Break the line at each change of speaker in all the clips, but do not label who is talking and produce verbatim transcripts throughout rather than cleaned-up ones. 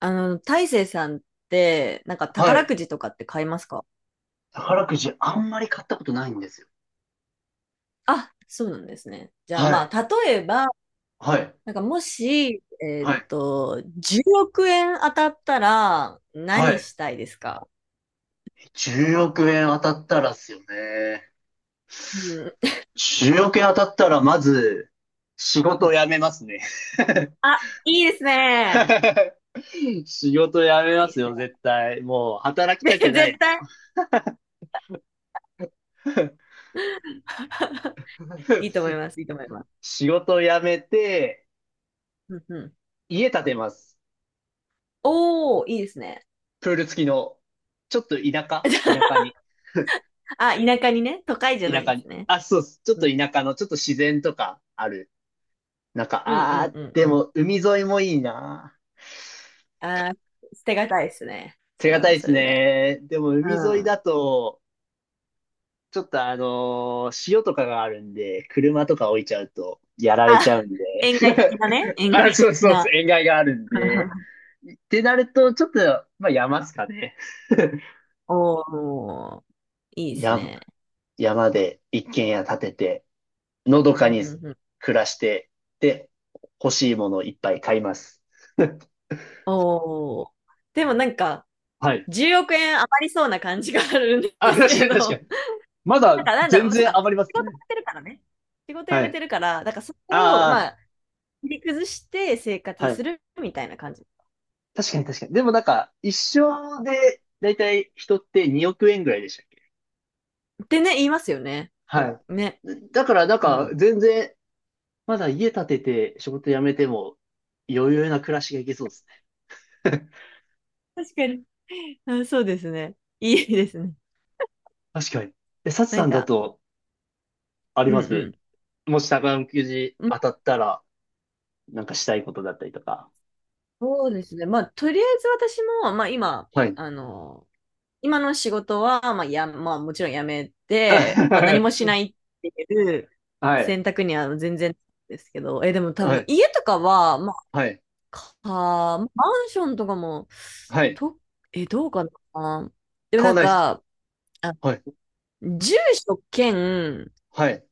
あの、大成さんって、なんか
は
宝
い。
くじとかって買いますか？
宝くじあんまり買ったことないんですよ。
あ、そうなんですね。じゃあ
は
ま
い。
あ、例えば、
はい。
なんかもし、えーっ
はい。
と、じゅうおく円当たったら
は
何
い。
したいですか？
じゅうおく円当たったらっすよね。
うん。
じゅうおく円当たったら、まず、仕事を辞 めますね。
あ、いいですね。
仕事辞めま
いい
す
です
よ、
ね。
絶対。もう、働き
で
たくな
絶
い。
対。いいと思います。いいと思います。
仕事を辞めて、
うんうん。
家建てます。
おー、いいですね。
プール付きの。ちょっと田舎田舎 に。
あ、田舎にね、都会じゃな
田
いん
舎
です
に。
ね。
あ、そうです。ちょっ
う
と
ん、
田舎の、ちょっと自然とかあるなんか、
うん、う
あ
ん、
ー、
うん。
で
うん。
も海沿いもいいな。
あー、捨てがたいですね。
手
それ
堅
も
いで
そ
す
れで。
ね。でも海沿い
うん。
だと、ちょっとあのー潮とかがあるんで、車とか置いちゃうとやられ
あ、
ちゃうんで。
円外的なね。円
あ、
外
そう
的
そうそう、
な。
塩害があるんで。ってなると、ちょっと、まあ山っすかね。
おー、いいです
山、
ね。
山で一軒家建てて、のど
う
か
ん
に
うんうん。
暮らして、で、欲しいものをいっぱい買います。
おー。でもなんか、
はい。
じゅうおく円余りそうな感じがあるん
あ、
です
確か
け
に確か
ど、
に。ま
なん
だ
かなんだ
全
ろう、そっか、
然余りま
仕
す
事
ね。
やめてるからね。仕事辞
は
めて
い。
るから、だからそれを、ま
あ
あ、切り崩して生
あ、
活
は
す
い。
るみたいな感じ。
確かに確かに。でもなんか、一生で、だいたい人ってにおく円ぐらいでしたっけ？
ってね、言いますよね。だ
は
ね。
い。だからなん
う
か、
ん。
全然、まだ家建てて仕事辞めても、余裕な暮らしがいけそうですね。
確かに。あ、そうですね。いいですね。
確かに。え、サチ
な
さ
ん
んだ
か、
と、あり
うん
ま
う
す？
ん。
もし宝くじ当たったら、なんかしたいことだったりとか。
そうですね。まあ、とりあえず私も、まあ今、
はい。
あの、今の仕事は、まあや、まあもちろん辞めて、まあ何もしな いっていう
はい。
選択には全然ですけど、え、でも多
は
分
い。
家とかは、まあ、
はい。
か、マンションとかも、
はい。
と、え、どうかな。でも
買
な
わ
ん
ないですか？
か、あ、
はい。
住所兼、
はい。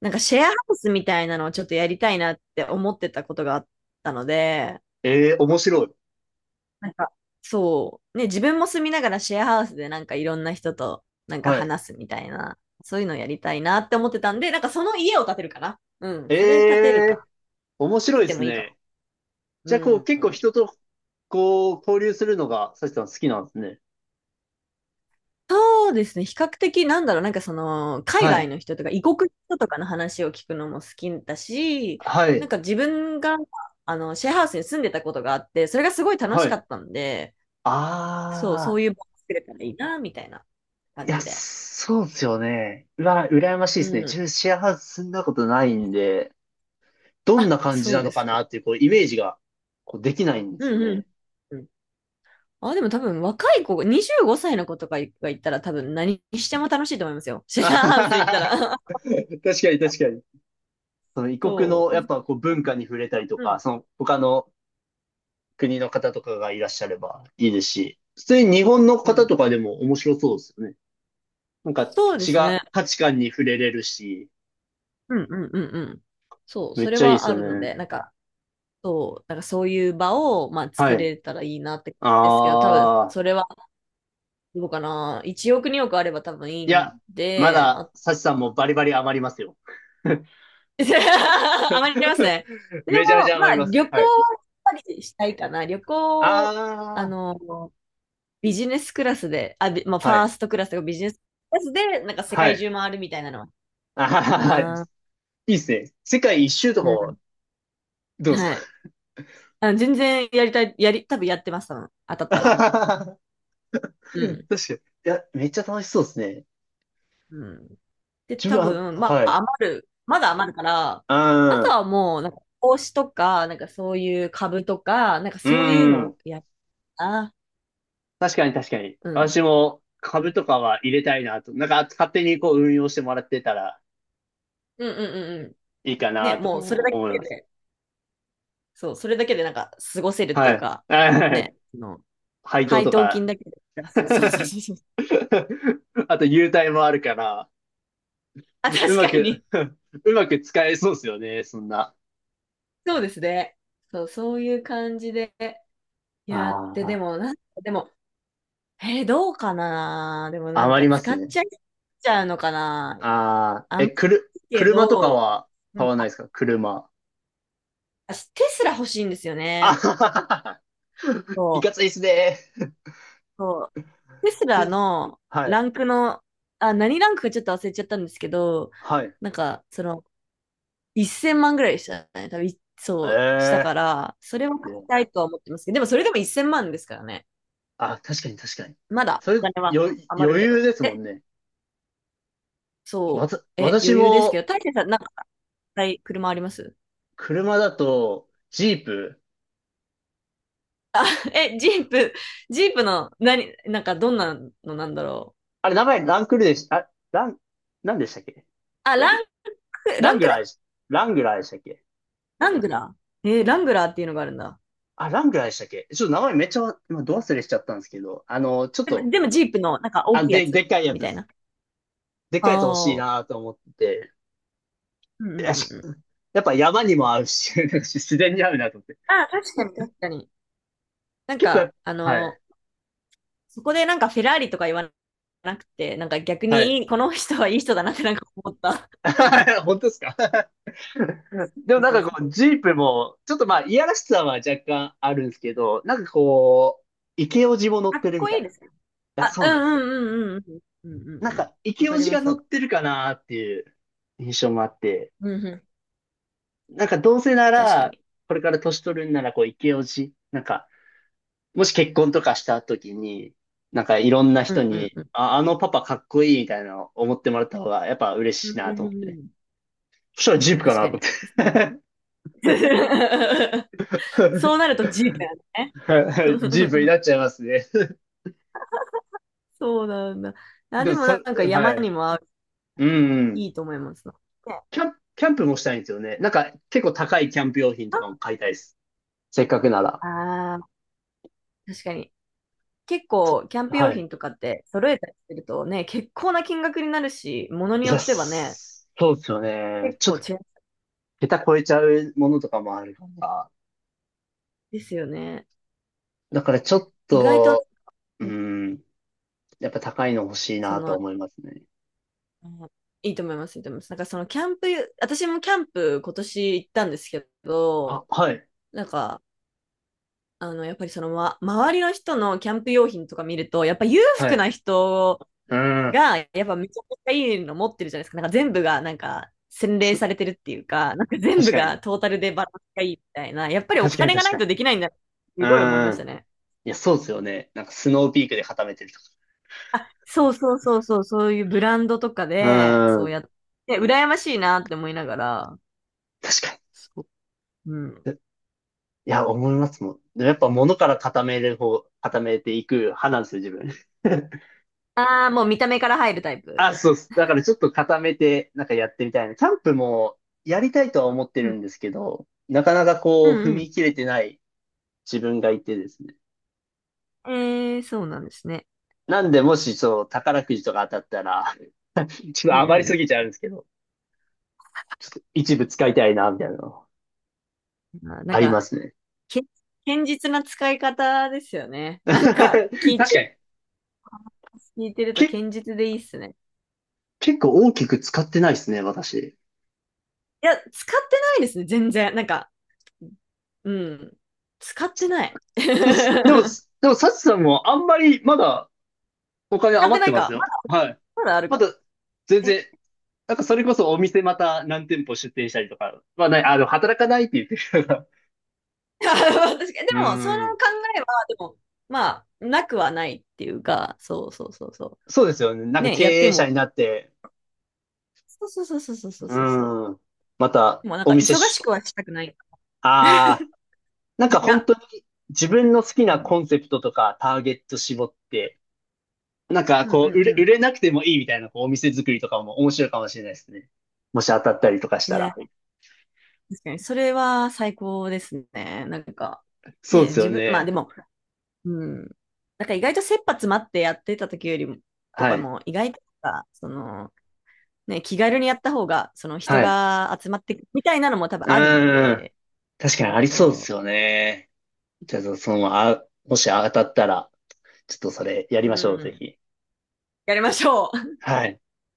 なんかシェアハウスみたいなのをちょっとやりたいなって思ってたことがあったので、
ええー、面白い。
なんか、そう。ね、自分も住みながらシェアハウスでなんかいろんな人となんか
はい。
話すみたいな、そういうのやりたいなって思ってたんで、なんかその家を建てるかな。うん。
え
それ建てる
えー、
か。
面白
建
いで
てて
す
もいいか。
ね。
う
じゃあ、こう、
ん。
結構人と、こう、交流するのが、サチさん好きなんですね。
そうですね。比較的なんだろう、なんかその、海
は
外
い。
の人とか異国の人とかの話を聞くのも好きだし、
は
なん
い。
か自分が、あの、シェアハウスに住んでたことがあって、それがすごい楽
は
しか
い。
ったんで、そう、そ
あ
う
あ、
いう場を作れたらいいな、みたいな
い
感
や、
じで。
そうですよね。うわ、羨ましい
う
ですね。自
ん。
分シェアハウス住んだことないんで、どん
あ、
な感じ
そう
な
で
の
す
かな
か。
っていう、こう、イメージが、こう、できないんです
う
よ
んうん。
ね。
うん。あ、でも多分若い子、にじゅうごさいの子とかが行ったら多分何しても楽しいと思いますよ。シ
あ
ェア
は
ハウス行った
はは
ら。
確かに確かに。その異 国
そ
の、
う。
やっぱ、こう、文化に触れたりと
う
か、
ん。
その、他の国の方とかがいらっしゃればいいですし、普通に日本の
う
方
ん。
とかでも面白そうですよね。なんか
そうで
違う
すね。
価値観に触れれるし、
うんうんうんうん。そう、
め
そ
っ
れ
ちゃいいで
は
す
あ
よ
るの
ね。
で、なんか、そう、なんかそういう場を、まあ、
は
作
い。
れたらいいなって、ですけど、多分、
ああ、
それは、どうかな。いちおく、におくあれば多分いい
い
ん
や、ま
で、
だ、
あ、
サチさんもバリバリ余りますよ。
余りますね。でも、
めちゃめちゃ
ま
余
あ、
ります。
旅行
はい。
はやっぱりしたいかな。旅行、あ
あ
の、ビジネスクラスで、あ、びまあ、
あ、
フ
は
ァー
い。
ストクラスとかビジネスクラスで、なんか世
は
界中
い。
回るみたいなのは、
あはは
か
はい
な。
いっすね。世界一周と
う
かも、
ん。
どうですか？
はい。あ、全然やりたい、やり、多分やってます、多分。当た った
確
ら。
か
う
に。
ん。
いや、めっちゃ楽しそうですね。
うん。で、
自分
多
は、
分、ま
は
あ、
い。
余る。まだ余るから、
う
あと
ん。
はもう、なんか、投資とか、なんかそういう株とか、なんか
う
そういうの
ん。
をやったな。
確かに確かに。
うん。
私も
う
株
ん。
とかは入れたいなと。なんか勝手にこう運用してもらってたら
うんうんうんう
いいか
ん。ね、
なとか
もうそれ
も
だ
思い
け
ます。
で、そう、それだけでなんか過ごせるって
は
いう
い。
か、
はい。
ね、の
配当
配
と
当
か。
金だけでプラス。そうそうそうそう。
あと優待もあるから、
あ、
う
確
ま
か
く
に。
うまく使えそうですよね、そんな。
そうですね。そう、そういう感じでやって、で
あ
も、なんか、でも、えーどうかな、でも
あ、
なん
余
か
りま
使
す
っ
ね。
ちゃいちゃうのかな。
ああ、
あん
え、
ま
くる、
りけ
車とか
ど、
は
う
買
ん、
わな
あ、
いですか車？
私、テスラ欲しいんですよ
あ
ね。
はははは。
そ
い
う、
かついっすね。
そう。テスラ
です、
の
はい。
ランクの、あ、何ランクかちょっと忘れちゃったんですけど、
はい。
なんか、その、せんまんぐらいでしたね。多分そう、したか
え
ら、それは買い
え
たいとは思ってますけど、でもそれでもせんまんですからね。
あ、確かに確かに。
まだ
それ、
お金は
よ、余
余るけ
裕
ど。
ですも
え、
んね。わ
そ
た、
う。え、
私
余裕ですけ
も、
ど、大勢さん、なんか、はい、車あります？
車だと、ジープ。
え、ジープ、ジープの、何、なんか、どんなのなんだろう。
あれ、名前ランクルでした、あ、ラン、何でしたっけ？
あ、ランク、ラ
ラン
ン
グ
クル、
ラーでし、ラングラーでしたっけ？
ラングラー、えーラングラーっていうのがあるんだ。
あ、ラングラーでしたっけちょっと名前めっちゃ、今、ど忘れしちゃったんですけど、あの、ちょっ
でも、
と、
でもジープの、なんか、大
あ、
きいや
で、
つ
でっかいやつ
み
で
たい
す。
な。
でっ
あ
かいやつ欲しい
あ。
なと思ってて。
うん
い
う
や、
んうん
し
うん。
やっぱ山にも合うし、自然に合うなと思って。
ああ、確かに確かに。なん
結構や
か、
っ
あ
ぱ、はい。
の、そこでなんかフェラーリとか言わなくて、なんか逆
はい。
にいいこの人はいい人だなってなんか思った。
本当ですか？ でも
そう
なん
そ
か
うそう。
こう、ジープも、ちょっとまあ、いやらしさは若干あるんですけど、なんかこう、イケオジも乗っ
かっ
てるみ
こ
た
い
い
い
な。
で
い
すね。
や、
あ、
そ
う
うなんですよ。
んうんうんうんうんうん
な
う
ん
んうん。
か、イ
わ
ケ
か
オ
り
ジ
ま
が
す、わ
乗っ
か。
てるかなっていう印象もあって、
うんうん。
なんかどうせな
確か
ら、
に。
これから年取るんなら、こう、イケオジ、なんか、もし結婚とかした時に、なんかいろんな
う
人
んうん
に、
うん。
あ、あのパパかっこいいみたいなのを思ってもらった方が、やっぱ嬉
う
しい
ん
な
う
と
んう
思ってね。
ん。
そしたらジープか
確
な
か
と思っ
に。
て。
そうなると G だよね。
ジープにな っちゃいますね。
そうなんだ。あ、
で
で
も、
もな
そ、
んか山
はい。
にも合う、
うんうん。
いいと思いますな。ね、
キャンプ、キャンプもしたいんですよね。なんか、結構高いキャンプ用品とかも買いたいです。せっかくなら。
ああー、確かに。結
そ、
構、キャンプ用
はい。
品とかって揃えたりするとね、結構な金額になるし、ものに
い
よ
や、
ってはね、
そうですよね。
結
ちょっ
構
と、
違うん
桁超えちゃうものとかもあるから。
ですよね。
だから、ちょっ
意外と、
と、う
うん、
ん、やっぱ高いの欲しい
そ
なと
の、
思いますね。
うん、いいと思います、いいと思います。なんかそのキャンプ、私もキャンプ今年行ったんですけ
あ、
ど、
はい。
なんか、あの、やっぱりその、ま、周りの人のキャンプ用品とか見ると、やっぱ裕
は
福
い。
な人
うん。
が、やっぱめちゃくちゃいいの持ってるじゃないですか。なんか全部がなんか洗練
す、
されてるっていうか、なんか全
確
部
かに。
がトータルでバランスがいいみたいな、やっぱりお
確かに、
金が
確
な
か
い
に。
とできないんだって、す
う
ごい思いまし
ん。
たね。
いや、そうですよね。なんか、スノーピークで固めてると
あ、そうそうそうそう、そういうブランドとかで、
か。
そ
う
う
ん。
やって、羨ましいなって思いながら、
確かに。
そう、うん。
いや、思いますもん。でもやっぱ物から固める方、固めていく派なんですよ、自分。
ああ、もう見た目から入るタイプ。
あ、そうっす。だからちょっと固めて、なんかやってみたいな。キャンプもやりたいとは思って
う
る
ん、
んですけど、なかなか
う
こう、踏
ん、
み切れてない自分がいてですね。
うん。えー、そうなんですね。
なんで、もしそう、宝くじとか当たったら、ちょっ
う
と
ん、
余り
う
すぎち
ん、
ゃうんですけど、一部使いたいな、みたいなの、
うん。あー、なん
ありま
か、
すね。
け、堅実な使い方ですよね。なんか、聞
確
い
かに。
聞いてると
け、
堅実でいいっすね。
結構大きく使ってないですね、私。
いや、使ってないですね、全然。なんか、うん。使ってない。使
でも、でも、でも、サチさんもあんまりまだお金
って
余っ
な
て
い
ます
か。ま
よ。
だある、
はい。
まだある
ま
か。
だ、全
え、
然、なんかそれこそお店また何店舗出店したりとかはない、あの、働かないって言ってる人が。
確かに。で
うー
も、その
ん。
考えは、でも、まあ、なくはないっていうか、そうそうそうそ
そうですよね。なん
う。
か
ね、
経
やって
営者
も、
になって、
そうそうそうそうそう
う
そうそう。
ーん。また
でもなん
お
か、
店
忙し
し、
くはしたくない。
ああ、
自
なんか
分
本
が。
当に自分の好き
う
な
ん。
コンセプトとかターゲット絞って、なんか
うんう
こう、売れ、
ん
売
う
れなくてもいいみたいなこうお店作りとかも面白いかもしれないですね。もし当たったりとかし
ん。い
た
や、
ら。
確かに、それは最高ですね。なんか、
そうで
ね、
すよ
自分、まあで
ね。
も、うん。なんか意外と切羽詰まってやってた時よりも、と
は
か
い。
も、意外とさ、その、ね、気軽にやった方が、その人
はい。
が集まってくみたいなのも多分
う
あるん
ーん。
で、
確かにありそうです
そ
よね。じゃあ、その、あ、もし当たったら、ちょっとそれやり
う。
ましょ
う
う、ぜ
ん。
ひ。
やりましょう。
はい。